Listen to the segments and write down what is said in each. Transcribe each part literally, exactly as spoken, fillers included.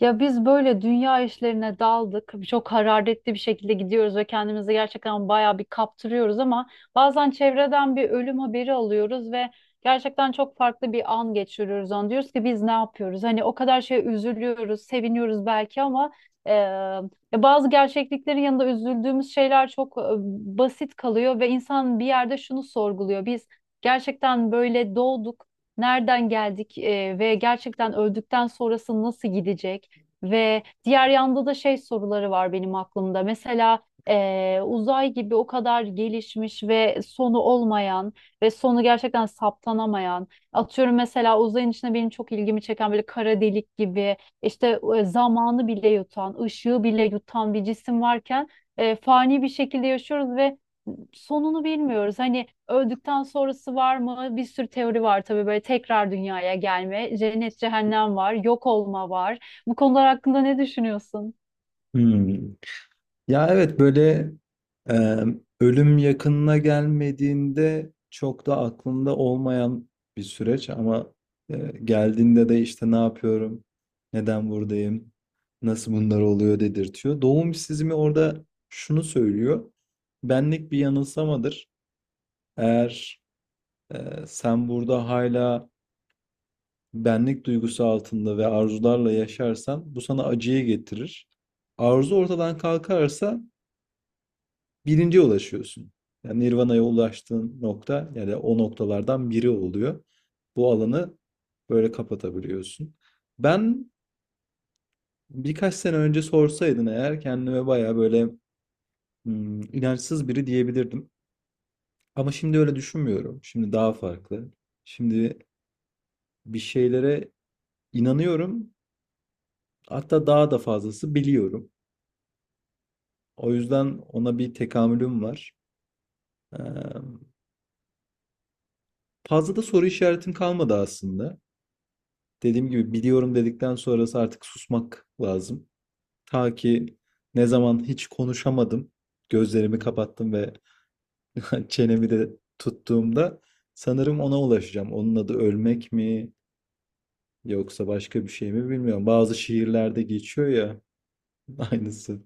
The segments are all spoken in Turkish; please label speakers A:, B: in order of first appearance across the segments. A: Ya biz böyle dünya işlerine daldık. Çok hararetli bir şekilde gidiyoruz ve kendimizi gerçekten bayağı bir kaptırıyoruz ama bazen çevreden bir ölüm haberi alıyoruz ve gerçekten çok farklı bir an geçiriyoruz onu. Diyoruz ki biz ne yapıyoruz? Hani o kadar şeye üzülüyoruz, seviniyoruz belki ama e, ya bazı gerçekliklerin yanında üzüldüğümüz şeyler çok e, basit kalıyor ve insan bir yerde şunu sorguluyor. Biz gerçekten böyle doğduk. Nereden geldik e, ve gerçekten öldükten sonrası nasıl gidecek? Ve diğer yanda da şey soruları var benim aklımda. Mesela eee, uzay gibi o kadar gelişmiş ve sonu olmayan ve sonu gerçekten saptanamayan. Atıyorum mesela uzayın içinde benim çok ilgimi çeken böyle kara delik gibi işte e, zamanı bile yutan, ışığı bile yutan bir cisim varken e, fani bir şekilde yaşıyoruz ve sonunu bilmiyoruz. Hani öldükten sonrası var mı? Bir sürü teori var tabii böyle tekrar dünyaya gelme, cennet cehennem var, yok olma var. Bu konular hakkında ne düşünüyorsun?
B: Hmm. Ya, evet, böyle, emm, ölüm yakınına gelmediğinde çok da aklında olmayan bir süreç ama, eee, geldiğinde de, işte, "Ne yapıyorum, neden buradayım, nasıl bunlar oluyor?" dedirtiyor. Doğum işsizliği orada şunu söylüyor, benlik bir yanılsamadır. Eğer, eee, sen burada hala benlik duygusu altında ve arzularla yaşarsan bu sana acıyı getirir. Arzu ortadan kalkarsa birinciye ulaşıyorsun. Yani Nirvana'ya ulaştığın nokta ya o noktalardan biri oluyor. Bu alanı böyle kapatabiliyorsun. Ben birkaç sene önce sorsaydın eğer kendime bayağı böyle hmm, inançsız biri diyebilirdim. Ama şimdi öyle düşünmüyorum. Şimdi daha farklı. Şimdi bir şeylere inanıyorum. Hatta daha da fazlası biliyorum. O yüzden ona bir tekamülüm var. Ee, Fazla da soru işaretim kalmadı aslında. Dediğim gibi biliyorum dedikten sonrası artık susmak lazım. Ta ki ne zaman hiç konuşamadım, gözlerimi kapattım ve çenemi de tuttuğumda sanırım ona ulaşacağım. Onun adı ölmek mi yoksa başka bir şey mi bilmiyorum. Bazı şiirlerde geçiyor ya aynısı.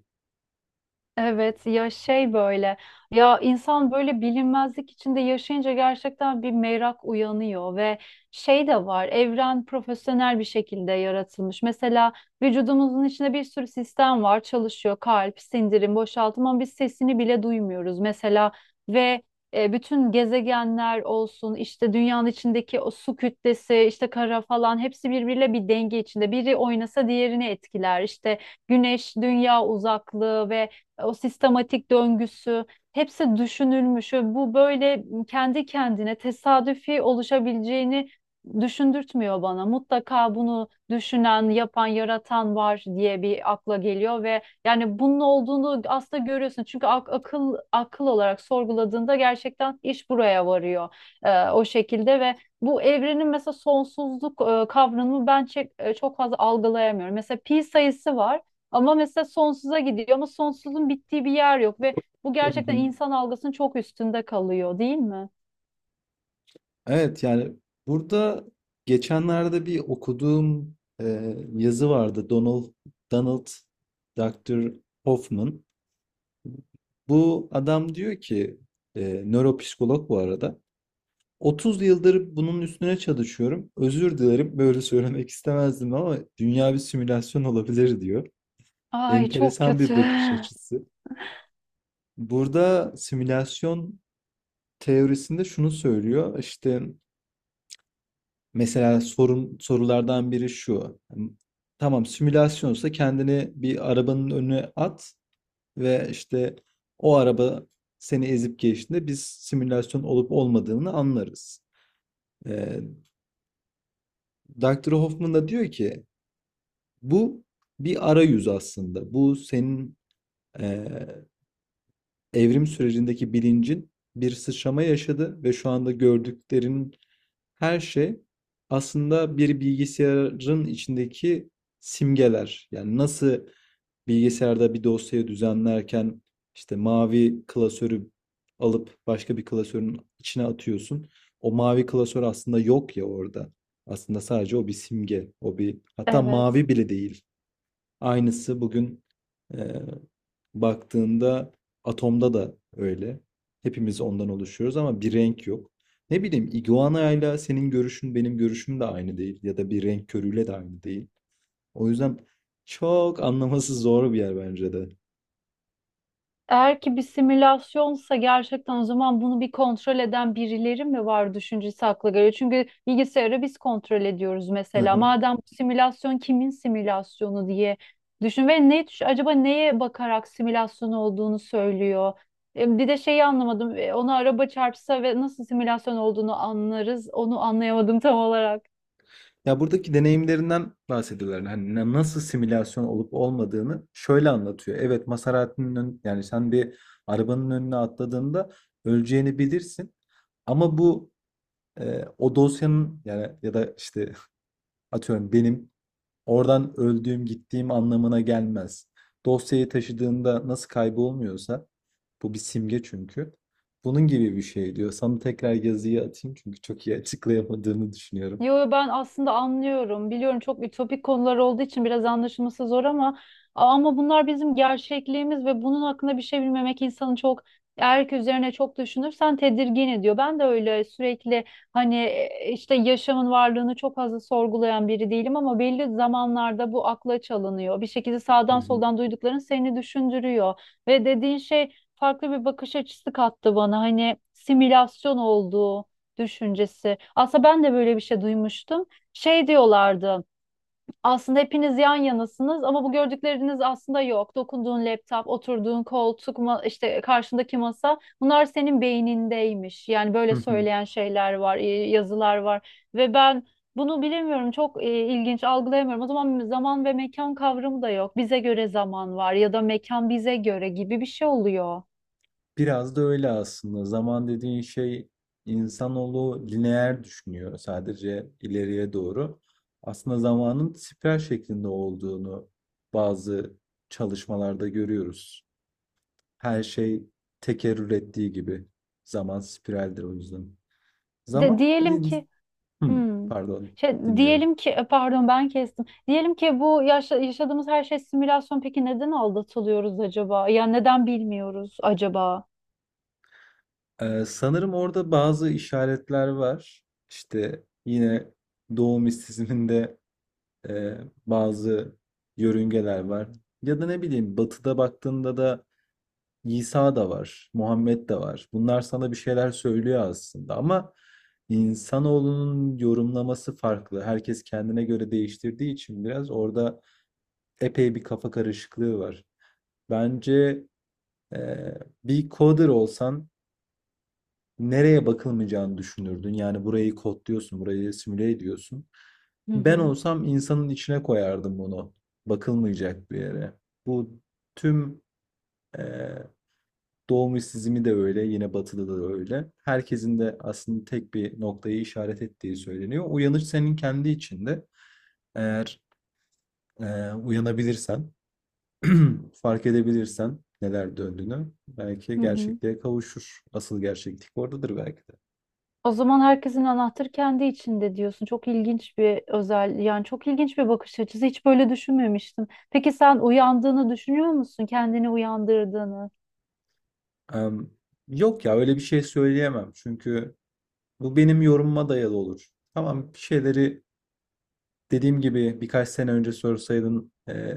A: Evet ya şey böyle, ya insan böyle bilinmezlik içinde yaşayınca gerçekten bir merak uyanıyor ve şey de var, evren profesyonel bir şekilde yaratılmış. Mesela vücudumuzun içinde bir sürü sistem var, çalışıyor kalp, sindirim, boşaltım ama biz sesini bile duymuyoruz mesela ve e, bütün gezegenler olsun işte dünyanın içindeki o su kütlesi işte kara falan hepsi birbiriyle bir denge içinde, biri oynasa diğerini etkiler işte güneş dünya uzaklığı ve o sistematik döngüsü hepsi düşünülmüş ve bu böyle kendi kendine tesadüfi oluşabileceğini düşündürtmüyor bana. Mutlaka bunu düşünen, yapan, yaratan var diye bir akla geliyor ve yani bunun olduğunu aslında görüyorsun. Çünkü ak- akıl akıl olarak sorguladığında gerçekten iş buraya varıyor e, o şekilde ve bu evrenin mesela sonsuzluk e, kavramını ben çek- e, çok fazla algılayamıyorum. Mesela pi sayısı var. Ama mesela sonsuza gidiyor ama sonsuzun bittiği bir yer yok ve bu
B: Hı
A: gerçekten
B: hı.
A: insan algısının çok üstünde kalıyor, değil mi?
B: Evet, yani burada geçenlerde bir okuduğum e, yazı vardı. Donald Donald doktor Hoffman. Bu adam diyor ki, e, nöropsikolog bu arada. otuz yıldır bunun üstüne çalışıyorum. Özür dilerim, böyle söylemek istemezdim ama dünya bir simülasyon olabilir diyor.
A: Ay çok
B: Enteresan bir
A: kötü.
B: bakış açısı. Burada simülasyon teorisinde şunu söylüyor. İşte mesela sorun sorulardan biri şu. Tamam, simülasyonsa kendini bir arabanın önüne at. Ve işte o araba seni ezip geçtiğinde biz simülasyon olup olmadığını anlarız. Ee, doktor Hoffman da diyor ki bu bir arayüz aslında. Bu senin e, evrim sürecindeki bilincin bir sıçrama yaşadı ve şu anda gördüklerin her şey aslında bir bilgisayarın içindeki simgeler. Yani nasıl bilgisayarda bir dosyayı düzenlerken işte mavi klasörü alıp başka bir klasörün içine atıyorsun. O mavi klasör aslında yok ya orada. Aslında sadece o bir simge. O bir hatta
A: Evet.
B: mavi bile değil. Aynısı bugün e, baktığında atomda da öyle. Hepimiz ondan oluşuyoruz ama bir renk yok. Ne bileyim iguanayla senin görüşün benim görüşüm de aynı değil ya da bir renk körüyle de aynı değil. O yüzden çok anlaması zor bir yer bence de.
A: Eğer ki bir simülasyonsa gerçekten, o zaman bunu bir kontrol eden birileri mi var düşüncesi akla geliyor. Çünkü bilgisayarı biz kontrol ediyoruz
B: Hı
A: mesela.
B: hı.
A: Madem bu simülasyon, kimin simülasyonu diye düşün ve ne düş- acaba neye bakarak simülasyon olduğunu söylüyor. E, Bir de şeyi anlamadım. E, Ona araba çarpsa ve nasıl simülasyon olduğunu anlarız. Onu anlayamadım tam olarak.
B: Ya, buradaki deneyimlerinden bahsediyorlar. Hani na- nasıl simülasyon olup olmadığını şöyle anlatıyor. Evet, Maserati'nin ön- yani sen bir arabanın önüne atladığında öleceğini bilirsin. Ama bu e, o dosyanın yani ya da işte atıyorum benim oradan öldüğüm, gittiğim anlamına gelmez. Dosyayı taşıdığında nasıl kaybolmuyorsa, bu bir simge çünkü. Bunun gibi bir şey diyor. Sana tekrar yazıyı atayım çünkü çok iyi açıklayamadığımı düşünüyorum.
A: Yo yo, ben aslında anlıyorum. Biliyorum çok ütopik konular olduğu için biraz anlaşılması zor ama ama bunlar bizim gerçekliğimiz ve bunun hakkında bir şey bilmemek insanı çok, erk üzerine çok düşünürsen tedirgin ediyor. Ben de öyle sürekli hani e, işte yaşamın varlığını çok fazla sorgulayan biri değilim ama belli zamanlarda bu akla çalınıyor. Bir şekilde
B: Hı
A: sağdan
B: hı.
A: soldan duydukların seni düşündürüyor ve dediğin şey farklı bir bakış açısı kattı bana. Hani simülasyon olduğu düşüncesi. Aslında ben de böyle bir şey duymuştum. Şey diyorlardı. Aslında hepiniz yan yanasınız ama bu gördükleriniz aslında yok. Dokunduğun laptop, oturduğun koltuk, ma- işte karşındaki masa bunlar senin beynindeymiş. Yani
B: Hı
A: böyle
B: hı.
A: söyleyen şeyler var, e, yazılar var ve ben bunu bilemiyorum. Çok e, ilginç algılayamıyorum. O zaman zaman ve mekan kavramı da yok. Bize göre zaman var ya da mekan bize göre gibi bir şey oluyor.
B: Biraz da öyle aslında. Zaman dediğin şey insanoğlu lineer düşünüyor sadece ileriye doğru. Aslında zamanın spiral şeklinde olduğunu bazı çalışmalarda görüyoruz. Her şey tekerrür ettiği gibi. Zaman spiraldir o yüzden.
A: De
B: Zaman,
A: diyelim ki
B: hmm,
A: Hmm.
B: pardon,
A: Şey,
B: dinliyorum.
A: diyelim ki e, pardon ben kestim. Diyelim ki bu yaşa- yaşadığımız her şey simülasyon. Peki neden aldatılıyoruz acaba? Ya neden bilmiyoruz acaba?
B: Ee, sanırım orada bazı işaretler var. İşte yine Doğu mistisizminde e, bazı yörüngeler var. Ya da ne bileyim Batı'da baktığında da İsa da var, Muhammed de var. Bunlar sana bir şeyler söylüyor aslında ama insanoğlunun yorumlaması farklı. Herkes kendine göre değiştirdiği için biraz orada epey bir kafa karışıklığı var. Bence e, bir coder olsan nereye bakılmayacağını düşünürdün. Yani burayı kodluyorsun, burayı simüle ediyorsun.
A: Hı
B: Ben
A: hı.
B: olsam insanın içine koyardım bunu. Bakılmayacak bir yere. Bu tüm e, doğum işsizliği de öyle, yine batıda da öyle. Herkesin de aslında tek bir noktayı işaret ettiği söyleniyor. Uyanış senin kendi içinde. Eğer e, uyanabilirsen fark edebilirsen neler döndüğünü belki
A: Hı hı.
B: gerçekliğe kavuşur. Asıl gerçeklik oradadır belki de.
A: O zaman herkesin anahtarı kendi içinde diyorsun. Çok ilginç bir özel, yani çok ilginç bir bakış açısı. Hiç böyle düşünmemiştim. Peki sen uyandığını düşünüyor musun? Kendini uyandırdığını?
B: Em, Yok ya, öyle bir şey söyleyemem. Çünkü bu benim yorumuma dayalı olur. Tamam, bir şeyleri dediğim gibi birkaç sene önce sorsaydın e,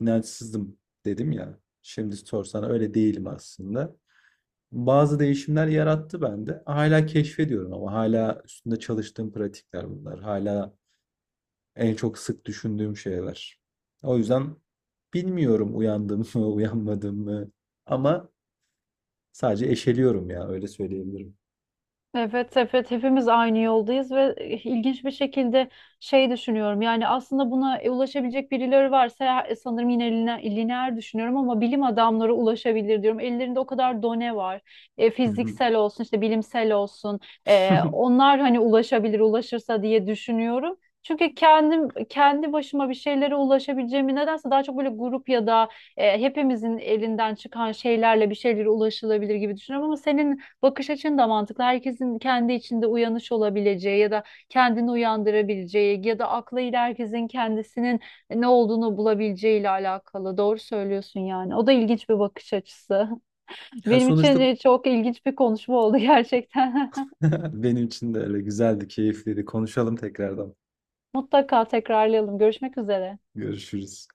B: inançsızdım dedim ya. Şimdi sorsan öyle değilim aslında. Bazı değişimler yarattı bende. Hala keşfediyorum ama hala üstünde çalıştığım pratikler bunlar. Hala en çok sık düşündüğüm şeyler. O yüzden bilmiyorum uyandım mı, uyanmadım mı ama sadece eşeliyorum ya öyle söyleyebilirim.
A: Evet, evet hepimiz aynı yoldayız ve ilginç bir şekilde şey düşünüyorum. Yani aslında buna ulaşabilecek birileri varsa e, sanırım yine lineer, lineer düşünüyorum ama bilim adamları ulaşabilir diyorum. Ellerinde o kadar done var. E, fiziksel olsun, işte bilimsel olsun. E, onlar hani ulaşabilir, ulaşırsa diye düşünüyorum. Çünkü kendim kendi başıma bir şeylere ulaşabileceğimi nedense daha çok böyle grup ya da e, hepimizin elinden çıkan şeylerle bir şeylere ulaşılabilir gibi düşünüyorum ama senin bakış açın da mantıklı. Herkesin kendi içinde uyanış olabileceği ya da kendini uyandırabileceği ya da aklıyla herkesin kendisinin ne olduğunu bulabileceği ile alakalı. Doğru söylüyorsun yani. O da ilginç bir bakış açısı.
B: Ya
A: Benim için
B: sonuçta
A: e, çok ilginç bir konuşma oldu gerçekten.
B: benim için de öyle güzeldi, keyifliydi. Konuşalım tekrardan.
A: Mutlaka tekrarlayalım. Görüşmek üzere.
B: Görüşürüz.